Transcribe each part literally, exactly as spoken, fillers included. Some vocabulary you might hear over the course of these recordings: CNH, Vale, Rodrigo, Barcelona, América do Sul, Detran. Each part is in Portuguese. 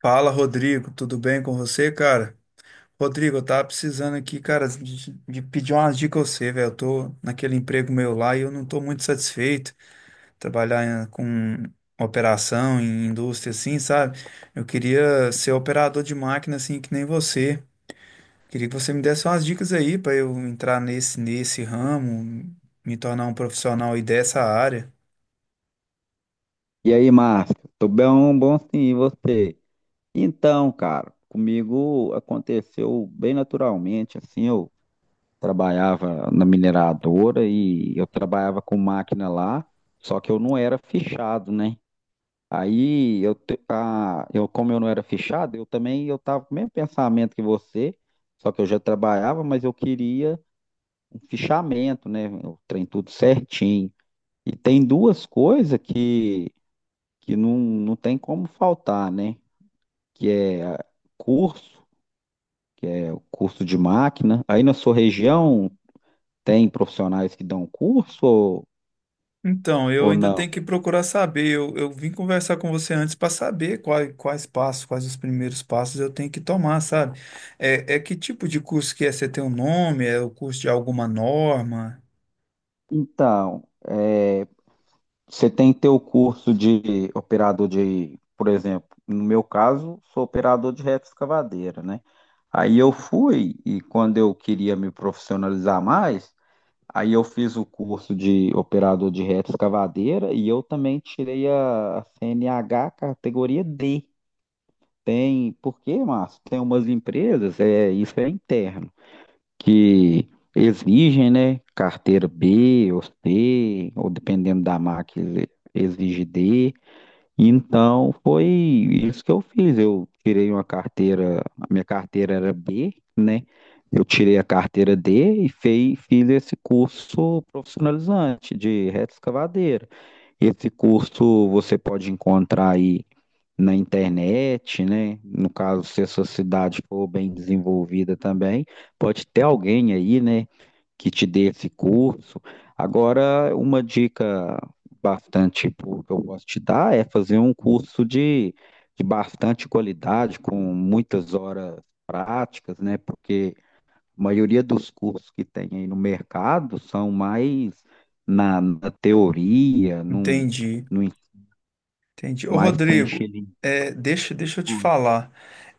Fala, Rodrigo, tudo bem com você, cara? Rodrigo, eu tava precisando aqui, cara, de, de pedir umas dicas a você, velho. Eu tô naquele emprego meu lá e eu não tô muito satisfeito trabalhar em- com operação em indústria assim, sabe? Eu queria ser operador de máquina assim que nem você. Queria que você me desse umas dicas aí pra eu entrar nesse nesse ramo, me tornar um profissional aí dessa área. E aí, Márcio? Tô bem, bom sim, e você? Então, cara, comigo aconteceu bem naturalmente, assim, eu trabalhava na mineradora e eu trabalhava com máquina lá, só que eu não era fichado, né? Aí, eu, te- a, eu como eu não era fichado, eu também, eu tava com o mesmo pensamento que você, só que eu já trabalhava, mas eu queria um fichamento, né? O trem tudo certinho. E tem duas coisas que que não, não tem como faltar, né? Que é curso, que é o curso de máquina. Aí na sua região tem profissionais que dão curso ou, Então, eu ou ainda não? tenho que procurar saber. Eu, eu vim conversar com você antes para saber quais, quais passos, quais os primeiros passos eu tenho que tomar, sabe? É, é que tipo de curso que é? Você tem um nome? É o curso de alguma norma? Então, é, você tem teu curso de operador de, por exemplo, no meu caso, sou operador de retroescavadeira, né? Aí eu fui e quando eu queria me profissionalizar mais, aí eu fiz o curso de operador de reta escavadeira e eu também tirei a a C N H categoria D. Tem, por quê, Márcio? Tem umas empresas, é, isso é interno, que exigem, né, carteira B ou C, ou dependendo da marca, exige D. Então foi isso que eu fiz. Eu tirei uma carteira, a minha carteira era B, né? Eu tirei a carteira D e fei- fiz esse curso profissionalizante de retroescavadeira. Esse curso você pode encontrar aí na internet, né? No caso, se a sua cidade for bem desenvolvida também, pode ter alguém aí, né, que te dê esse curso. Agora, uma dica bastante tipo, que eu posso te dar é fazer um curso de, de bastante qualidade, com muitas horas práticas, né? Porque a maioria dos cursos que tem aí no mercado são mais na, na teoria, num, Entendi. num, Entendi. Ô, mais para Rodrigo, encher é, deixa, deixa eu te falar.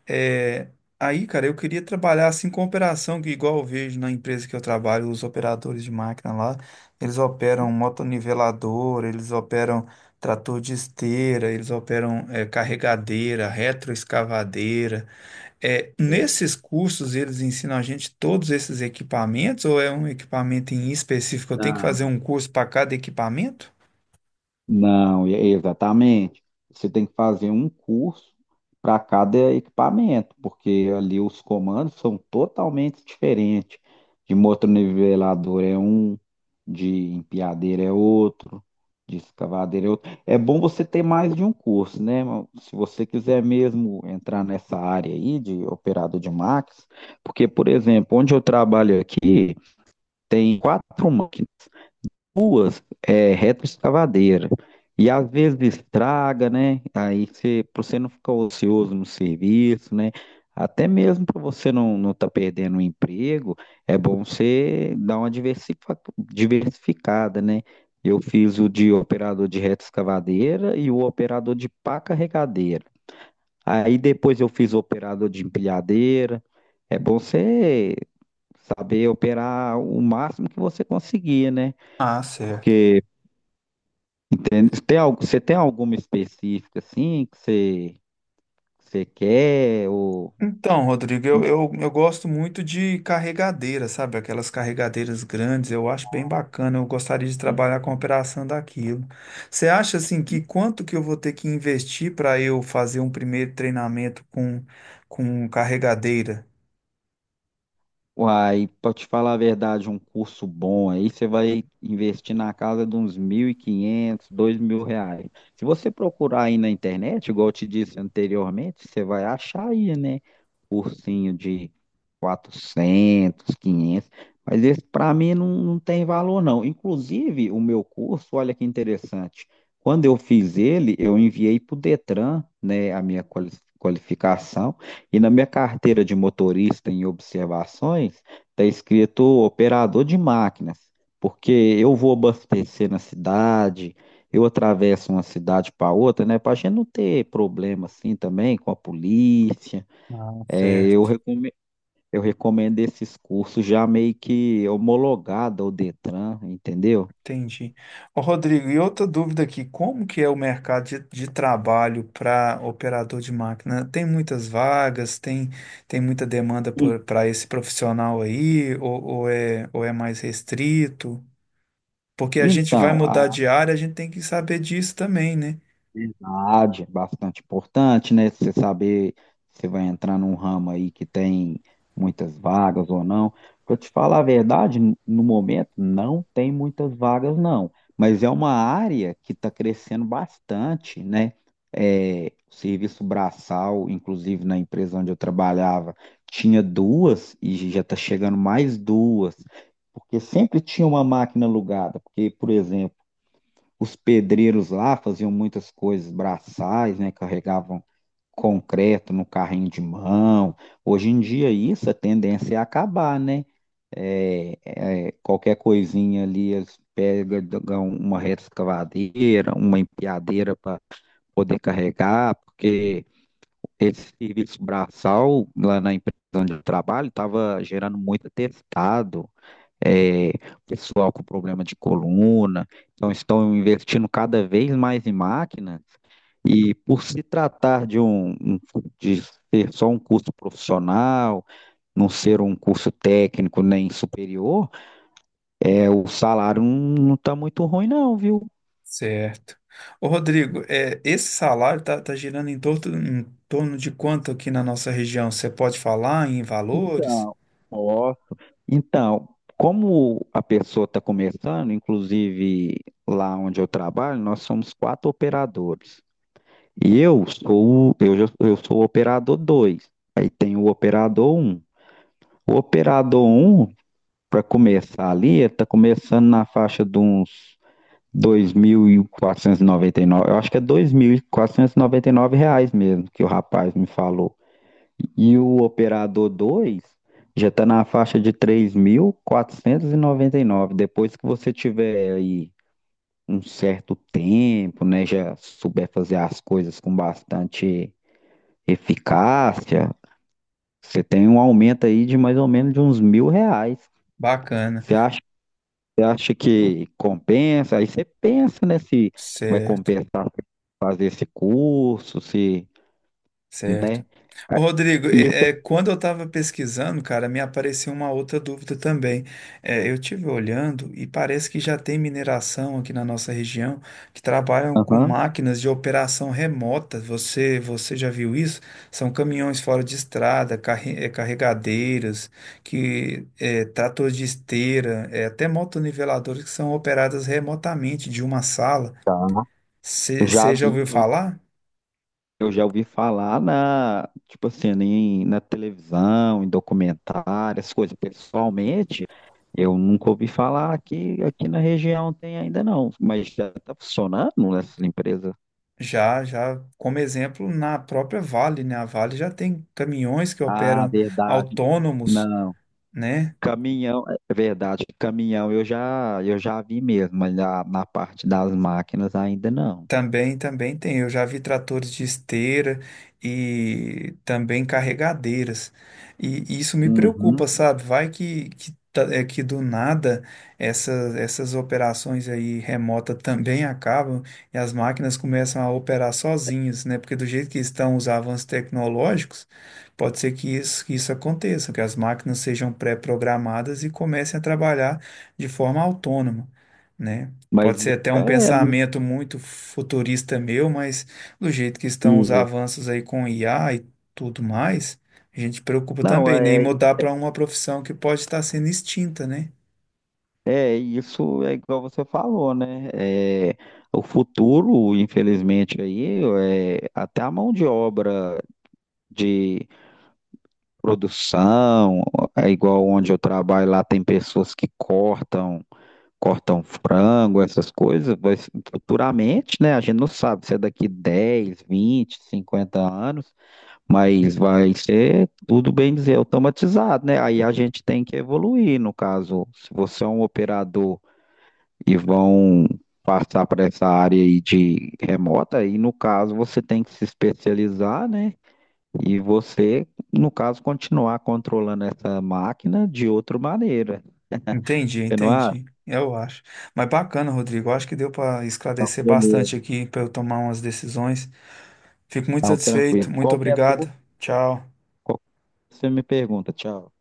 É, aí, cara, eu queria trabalhar assim com operação, que igual eu vejo na empresa que eu trabalho, os operadores de máquina lá, eles operam motonivelador, eles operam trator de esteira, eles operam é, carregadeira, retroescavadeira. É, linguiça. nesses cursos, eles ensinam a gente todos esses equipamentos ou é um equipamento em específico? Eu tenho que fazer um curso para cada equipamento? Não, e- exatamente. Você tem que fazer um curso para cada equipamento, porque ali os comandos são totalmente diferentes. De motornivelador é um, de empilhadeira é outro, de escavadeira é outro. É bom você ter mais de um curso, né, irmão? Se você quiser mesmo entrar nessa área aí de operador de máquinas, porque, por exemplo, onde eu trabalho aqui, tem quatro máquinas ruas é retroescavadeira. E às vezes estraga, né? Aí você, para você não ficar ocioso no serviço, né? Até mesmo para você não não tá perdendo o emprego, é bom você dar uma diversifa- diversificada, né? Eu fiz o de operador de retroescavadeira e o operador de pá carregadeira. Aí depois eu fiz o operador de empilhadeira. É bom você saber operar o máximo que você conseguir, né? Ah, certo. Porque, entende? Tem algo, você tem alguma específica assim que você, que você quer? Ou Então, Rodrigo, eu, como é eu, eu gosto muito de carregadeira, sabe? Aquelas carregadeiras grandes, eu acho bem bacana. Eu gostaria de que é? trabalhar com a operação daquilo. Você acha assim que quanto que eu vou ter que investir para eu fazer um primeiro treinamento com, com carregadeira? Uai, pra te falar a verdade, um curso bom aí, você vai investir na casa de uns mil e quinhentos, dois mil reais. Se você procurar aí na internet, igual eu te disse anteriormente, você vai achar aí, né? Cursinho de quatrocentos, quinhentos. Mas esse para mim não, não tem valor não. Inclusive, o meu curso, olha que interessante, quando eu fiz ele, eu enviei para o Detran, né, a minha quali- qualificação, e na minha carteira de motorista em observações, está escrito operador de máquinas, porque eu vou abastecer na cidade, eu atravesso uma cidade para outra, né? Para a gente não ter problema assim também com a polícia. Ah, É, eu certo. recome- eu recomendo esses cursos já meio que homologado ao Detran, entendeu? Entendi. Ô, Rodrigo, e outra dúvida aqui, como que é o mercado de, de trabalho para operador de máquina? Tem muitas vagas, tem, tem muita demanda En- para esse profissional aí, ou, ou é, ou é mais restrito? Porque a gente vai Então, mudar de área, a gente tem que saber disso também, né? verdade, bastante importante, né? Você saber se vai entrar num ramo aí que tem muitas vagas ou não. Para te falar a verdade, n- no momento não tem muitas vagas, não. Mas é uma área que está crescendo bastante, né? É, o serviço braçal, inclusive na empresa onde eu trabalhava, tinha duas e já está chegando mais duas, porque sempre tinha uma máquina alugada. Porque, por exemplo, os pedreiros lá faziam muitas coisas braçais, né? Carregavam concreto no carrinho de mão. Hoje em dia isso a tendência é acabar, né? É, é, qualquer coisinha ali eles pegam uma reta uma empilhadeira para poder carregar, porque esse serviço braçal lá na empresa onde eu trabalho estava gerando muito atestado, é, pessoal com problema de coluna, então estão investindo cada vez mais em máquinas, e por se tratar de um, um- de ser só um curso profissional, não ser um curso técnico nem superior, é, o salário não está muito ruim, não, viu? Certo. Ô, Rodrigo, é, esse salário tá, tá girando em torno, em torno de quanto aqui na nossa região? Você pode falar em valores? Então, ó, Então, como a pessoa está começando, inclusive lá onde eu trabalho, nós somos quatro operadores. E eu sou, o- eu, já- eu sou o operador dois. Aí tem o operador um. O operador um para começar ali, ele está começando na faixa de uns dois mil e e quatrocentos noventa e nove. Eu acho que é dois mil e e quatrocentos noventa e nove reais mesmo que o rapaz me falou. E o operador dois já está na faixa de três mil quatrocentos e e noventa e nove. Depois que você tiver aí um certo tempo, né, já souber fazer as coisas com bastante eficácia, você tem um aumento aí de mais ou menos de uns mil reais. Bacana. Você acha, você acha que compensa? Aí você pensa, né, se vai Certo. compensar fazer esse curso, se, né? Certo. Ô, Rodrigo, é, é, Isso, quando eu estava pesquisando, cara, me apareceu uma outra dúvida também. É, eu tive olhando e parece que já tem mineração aqui na nossa região que trabalham com aham, máquinas de operação remota. Você, você já viu isso? São caminhões fora de estrada, carre- é, carregadeiras, que é, tratores de esteira, é, até motoniveladoras que são operadas remotamente de uma sala. tá. Eu já Você já vi, ouviu eu falar? eu já ouvi falar na, tipo assim, em, na televisão, em documentário, essas coisas. Pessoalmente, eu nunca ouvi falar que aqui na região tem ainda não, mas já está funcionando nessas empresas. Já, já, como exemplo, na própria Vale, né? A Vale já tem caminhões que Ah, operam verdade. autônomos, Não, né? caminhão, é verdade, caminhão eu já, eu já vi mesmo, mas na, na, parte das máquinas ainda não. Também, também tem. Eu já vi tratores de esteira e também carregadeiras. E, e isso me preocupa, Uhum. sabe? Vai que, que, ta- é que do nada essa, essas operações aí remota também acabam e as máquinas começam a operar sozinhas, né? Porque do jeito que estão os avanços tecnológicos, pode ser que isso, que isso aconteça, que as máquinas sejam pré-programadas e comecem a trabalhar de forma autônoma. Né? Mas Pode ser até um é, pensamento muito futurista meu, mas do jeito que estão os e- avanços aí com I A e tudo mais, a gente preocupa não, também, né? E é, mudar para uma profissão que pode estar sendo extinta, né? é isso, é igual você falou, né? É, o futuro, infelizmente, aí, é, até a mão de obra de produção, é igual onde eu trabalho lá, tem pessoas que cortam. Cortar um frango, essas coisas, vai, ser- futuramente, né? A gente não sabe se é daqui dez vinte cinquenta anos, mas vai ser tudo bem dizer automatizado, né? Aí a gente tem que evoluir, no caso, se você é um operador e vão passar para essa área aí de remota, aí no caso você tem que se especializar, né? E você, no caso, continuar controlando essa máquina de outra maneira. Entendi, Você não acha? entendi. Eu acho. Mas bacana, Rodrigo. Eu acho que deu para Não, esclarecer bastante beleza. aqui para eu tomar umas decisões. Fico muito Então, satisfeito. tranquilo. Muito Qualquer obrigado. Tchau. Qual- que você me pergunta, tchau.